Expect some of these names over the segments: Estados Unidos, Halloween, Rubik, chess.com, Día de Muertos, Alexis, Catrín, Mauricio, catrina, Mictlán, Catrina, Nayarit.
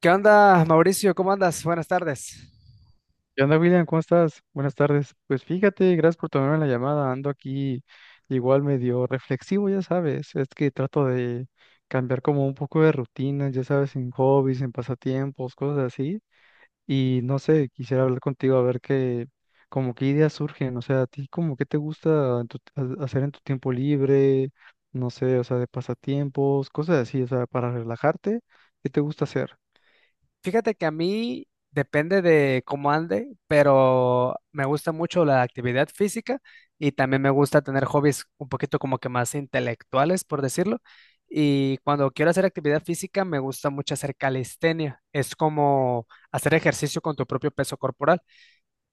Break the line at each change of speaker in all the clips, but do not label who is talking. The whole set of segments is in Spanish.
¿Qué onda, Mauricio? ¿Cómo andas? Buenas tardes.
¿Qué onda, William? ¿Cómo estás? Buenas tardes. Pues fíjate, gracias por tomarme la llamada. Ando aquí igual medio reflexivo, ya sabes. Es que trato de cambiar como un poco de rutina, ya sabes, en hobbies, en pasatiempos, cosas así. Y no sé, quisiera hablar contigo a ver qué, como qué ideas surgen. O sea, a ti como qué te gusta en hacer en tu tiempo libre, no sé, o sea, de pasatiempos, cosas así, o sea, para relajarte, ¿qué te gusta hacer?
Fíjate que a mí depende de cómo ande, pero me gusta mucho la actividad física y también me gusta tener hobbies un poquito como que más intelectuales, por decirlo. Y cuando quiero hacer actividad física, me gusta mucho hacer calistenia. Es como hacer ejercicio con tu propio peso corporal.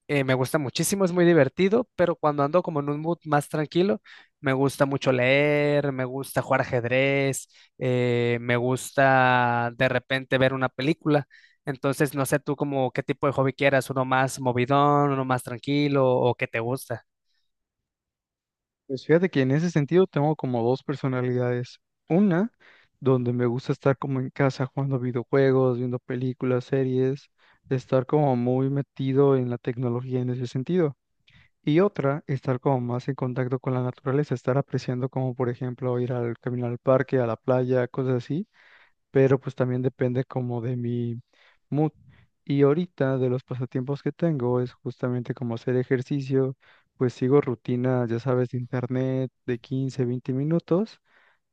Me gusta muchísimo, es muy divertido, pero cuando ando como en un mood más tranquilo, me gusta mucho leer, me gusta jugar ajedrez, me gusta de repente ver una película. Entonces, no sé tú como qué tipo de hobby quieras, uno más movidón, uno más tranquilo o qué te gusta.
Pues fíjate que en ese sentido tengo como dos personalidades. Una, donde me gusta estar como en casa jugando videojuegos, viendo películas, series, estar como muy metido en la tecnología en ese sentido. Y otra, estar como más en contacto con la naturaleza, estar apreciando como por ejemplo ir al caminar al parque, a la playa, cosas así, pero pues también depende como de mi mood. Y ahorita de los pasatiempos que tengo es justamente como hacer ejercicio, pues sigo rutinas, ya sabes, de internet de 15 20 minutos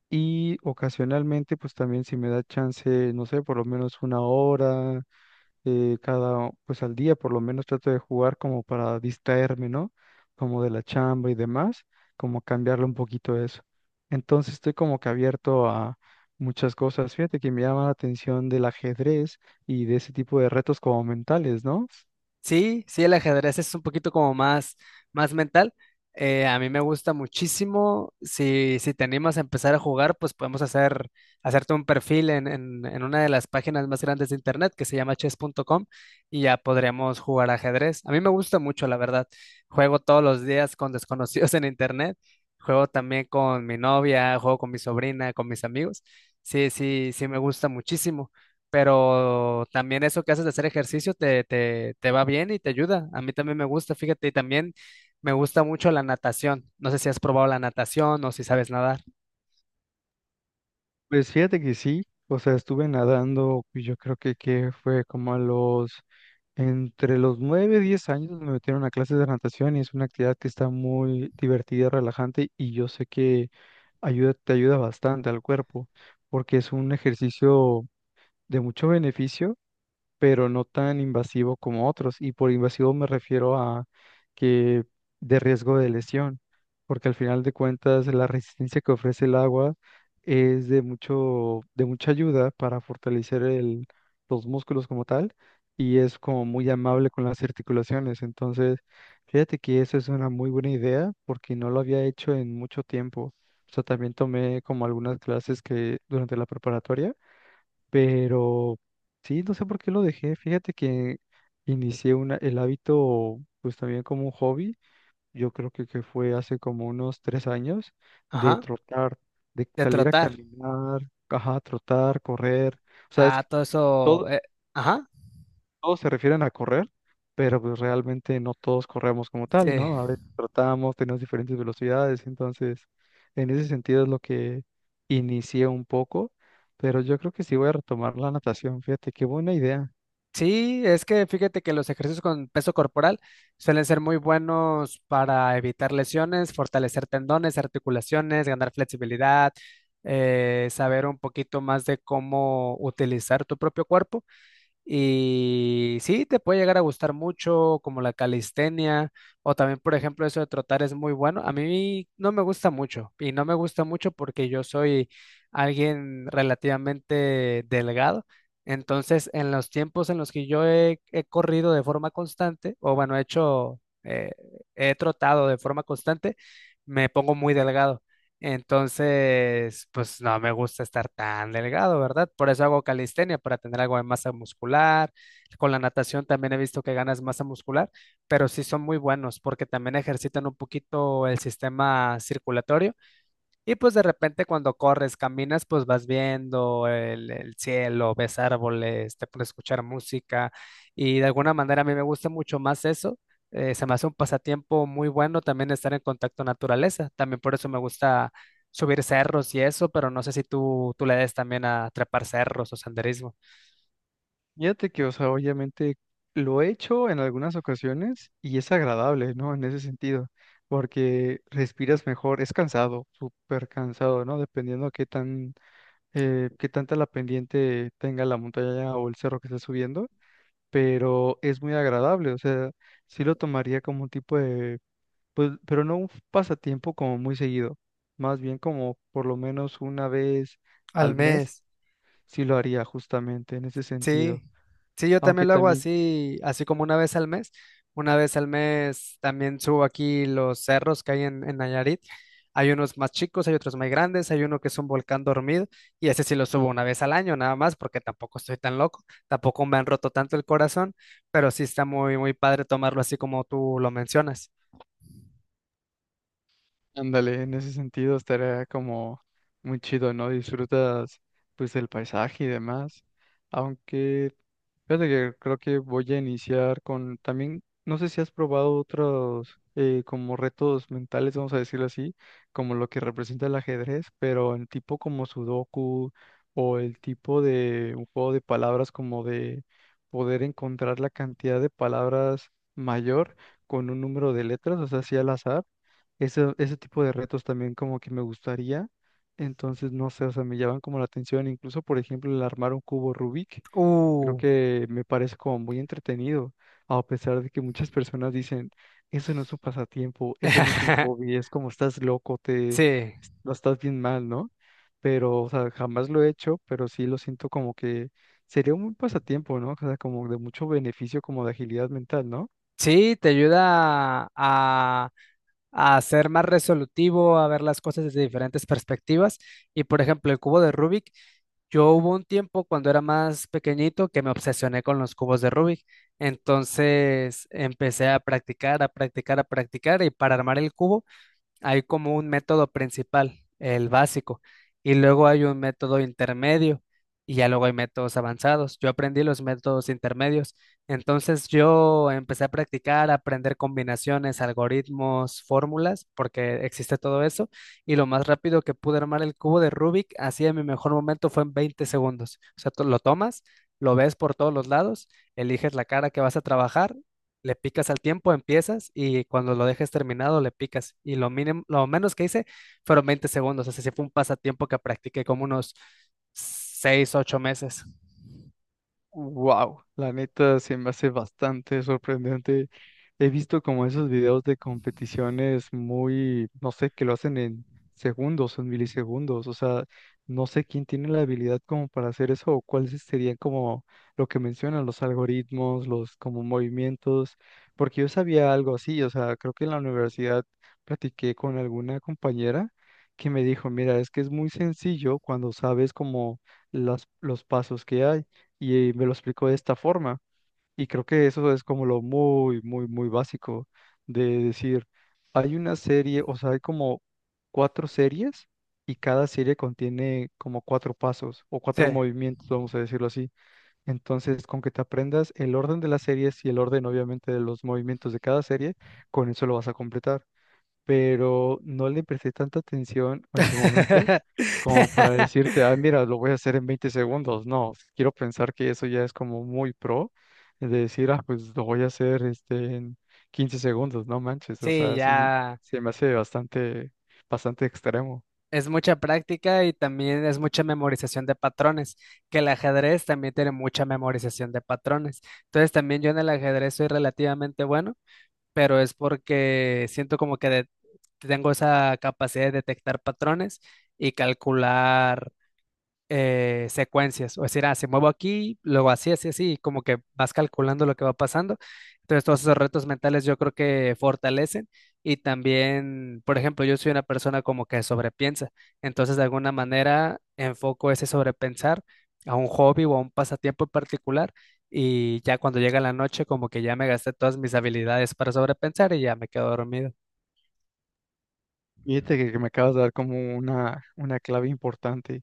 y ocasionalmente pues también si me da chance, no sé, por lo menos una hora, pues al día por lo menos trato de jugar como para distraerme, ¿no? Como de la chamba y demás, como cambiarle un poquito eso. Entonces estoy como que abierto a muchas cosas. Fíjate que me llama la atención del ajedrez y de ese tipo de retos como mentales, ¿no?
Sí, sí, el ajedrez es un poquito como más, más mental. A mí me gusta muchísimo. Si, si te animas a empezar a jugar, pues podemos hacer, hacerte un perfil en una de las páginas más grandes de internet que se llama chess.com y ya podríamos jugar ajedrez. A mí me gusta mucho, la verdad. Juego todos los días con desconocidos en internet. Juego también con mi novia, juego con mi sobrina, con mis amigos. Sí, sí, sí, me gusta muchísimo, pero también eso que haces de hacer ejercicio te va bien y te ayuda. A mí también me gusta, fíjate, y también me gusta mucho la natación. No sé si has probado la natación o si sabes nadar.
Pues fíjate que sí, o sea, estuve nadando, y yo creo que fue como a los, entre los 9 y 10 años me metieron a clases de natación y es una actividad que está muy divertida, relajante y yo sé que ayuda, te ayuda bastante al cuerpo porque es un ejercicio de mucho beneficio pero no tan invasivo como otros. Y por invasivo me refiero a que de riesgo de lesión, porque al final de cuentas la resistencia que ofrece el agua es de mucho, de mucha ayuda para fortalecer el, los músculos como tal y es como muy amable con las articulaciones. Entonces, fíjate que eso es una muy buena idea porque no lo había hecho en mucho tiempo. O sea, también tomé como algunas clases que durante la preparatoria, pero sí, no sé por qué lo dejé. Fíjate que inicié el hábito, pues también como un hobby. Yo creo que fue hace como unos 3 años de
Ajá,
trotar, de
de
salir a
trotar.
caminar, ajá, trotar, correr. O sea, es
Ah,
que
todo eso.
todo,
Ajá,
todos se refieren a correr, pero pues realmente no todos corremos como tal, ¿no? A
sí.
veces tratamos, tenemos diferentes velocidades, entonces en ese sentido es lo que inicié un poco, pero yo creo que sí voy a retomar la natación, fíjate, qué buena idea.
Sí, es que fíjate que los ejercicios con peso corporal suelen ser muy buenos para evitar lesiones, fortalecer tendones, articulaciones, ganar flexibilidad, saber un poquito más de cómo utilizar tu propio cuerpo. Y sí, te puede llegar a gustar mucho, como la calistenia, o también, por ejemplo, eso de trotar es muy bueno. A mí no me gusta mucho, y no me gusta mucho porque yo soy alguien relativamente delgado. Entonces, en los tiempos en los que yo he corrido de forma constante, o bueno, he hecho, he trotado de forma constante, me pongo muy delgado. Entonces, pues no me gusta estar tan delgado, ¿verdad? Por eso hago calistenia, para tener algo de masa muscular. Con la natación también he visto que ganas masa muscular, pero sí son muy buenos porque también ejercitan un poquito el sistema circulatorio y pues de repente cuando corres, caminas, pues vas viendo el cielo, ves árboles, te puedes escuchar música y de alguna manera a mí me gusta mucho más eso. Se me hace un pasatiempo muy bueno también estar en contacto con naturaleza. También por eso me gusta subir cerros y eso, pero no sé si tú le des también a trepar cerros o senderismo.
Fíjate que, o sea, obviamente lo he hecho en algunas ocasiones y es agradable, ¿no? En ese sentido, porque respiras mejor, es cansado, súper cansado, ¿no? Dependiendo qué tan, qué tanta la pendiente tenga la montaña o el cerro que estés subiendo, pero es muy agradable, o sea, sí lo tomaría como un tipo de, pues, pero no un pasatiempo como muy seguido, más bien como por lo menos una vez
Al
al mes,
mes.
sí lo haría justamente en ese
Sí,
sentido,
sí, yo
aunque
también lo hago
también.
así, así como una vez al mes. Una vez al mes también subo aquí los cerros que hay en Nayarit. Hay unos más chicos, hay otros más grandes, hay uno que es un volcán dormido y ese sí lo subo una vez al año nada más porque tampoco estoy tan loco, tampoco me han roto tanto el corazón, pero sí está muy, muy padre tomarlo así como tú lo mencionas.
Ándale, en ese sentido estaría como muy chido, ¿no? Disfrutas pues del paisaje y demás. Aunque, fíjate que creo que voy a iniciar con también, no sé si has probado otros como retos mentales, vamos a decirlo así, como lo que representa el ajedrez, pero en tipo como Sudoku o el tipo de un juego de palabras como de poder encontrar la cantidad de palabras mayor con un número de letras, o sea, así al azar ese tipo de retos también como que me gustaría. Entonces, no sé, o sea, me llaman como la atención. Incluso, por ejemplo, el armar un cubo Rubik, creo
Uh,
que me parece como muy entretenido, a pesar de que muchas personas dicen, eso no es un pasatiempo, eso no es un hobby, es como estás loco, te,
sí,
lo estás bien mal, ¿no? Pero, o sea, jamás lo he hecho, pero sí lo siento como que sería un buen pasatiempo, ¿no? O sea, como de mucho beneficio, como de agilidad mental, ¿no?
sí, te ayuda a ser más resolutivo, a ver las cosas desde diferentes perspectivas. Y por ejemplo, el cubo de Rubik, yo hubo un tiempo cuando era más pequeñito que me obsesioné con los cubos de Rubik. Entonces empecé a practicar, a practicar, a practicar y para armar el cubo hay como un método principal, el básico, y luego hay un método intermedio y ya luego hay métodos avanzados. Yo aprendí los métodos intermedios, entonces yo empecé a practicar, a aprender combinaciones, algoritmos, fórmulas, porque existe todo eso, y lo más rápido que pude armar el cubo de Rubik, así en mi mejor momento fue en 20 segundos. O sea, tú lo tomas, lo ves por todos los lados, eliges la cara que vas a trabajar, le picas al tiempo, empiezas y cuando lo dejes terminado le picas. Y lo mínimo, lo menos que hice fueron 20 segundos. Así que fue un pasatiempo que practiqué como unos 6, ocho meses.
Wow, la neta se me hace bastante sorprendente. He visto como esos videos de competiciones muy, no sé, que lo hacen en segundos, en milisegundos. O sea, no sé quién tiene la habilidad como para hacer eso o cuáles serían como lo que mencionan, los algoritmos, los como movimientos, porque yo sabía algo así. O sea, creo que en la universidad platiqué con alguna compañera que me dijo, mira, es que es muy sencillo cuando sabes como las, los pasos que hay y me lo explicó de esta forma. Y creo que eso es como lo muy, muy, muy básico de decir, hay una serie, o sea, hay como cuatro series y cada serie contiene como cuatro pasos o cuatro
Sí.
movimientos, vamos a decirlo así. Entonces, con que te aprendas el orden de las series y el orden, obviamente, de los movimientos de cada serie, con eso lo vas a completar, pero no le presté tanta atención en su momento como para decirte, ah, mira, lo voy a hacer en 20 segundos. No, quiero pensar que eso ya es como muy pro, de decir, ah, pues lo voy a hacer este, en 15 segundos, no manches, o
Sí,
sea, sí,
ya
se me hace bastante, bastante extremo.
es mucha práctica y también es mucha memorización de patrones, que el ajedrez también tiene mucha memorización de patrones. Entonces también yo en el ajedrez soy relativamente bueno, pero es porque siento como que tengo esa capacidad de detectar patrones y calcular secuencias, o decir, ah, se muevo aquí, luego así, así, así, y como que vas calculando lo que va pasando. Entonces, todos esos retos mentales yo creo que fortalecen y también, por ejemplo, yo soy una persona como que sobrepiensa, entonces de alguna manera enfoco ese sobrepensar a un hobby o a un pasatiempo en particular y ya cuando llega la noche como que ya me gasté todas mis habilidades para sobrepensar y ya me quedo dormido.
Fíjate que me acabas de dar como una clave importante.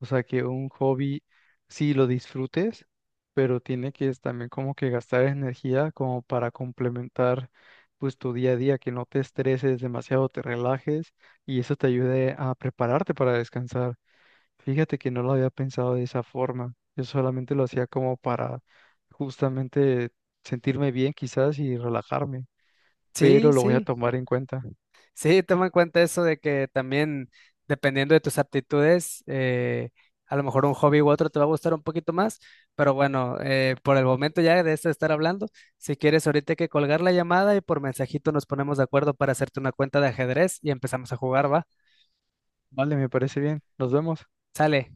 O sea, que un hobby sí lo disfrutes, pero tiene que es también como que gastar energía como para complementar pues tu día a día, que no te estreses demasiado, te relajes y eso te ayude a prepararte para descansar. Fíjate que no lo había pensado de esa forma. Yo solamente lo hacía como para justamente sentirme bien quizás y relajarme,
Sí,
pero lo voy a
sí.
tomar en cuenta.
Sí, toma en cuenta eso de que también dependiendo de tus aptitudes, a lo mejor un hobby u otro te va a gustar un poquito más, pero bueno, por el momento ya de esto de estar hablando, si quieres ahorita hay que colgar la llamada y por mensajito nos ponemos de acuerdo para hacerte una cuenta de ajedrez y empezamos a jugar, ¿va?
Vale, me parece bien. Nos vemos.
Sale.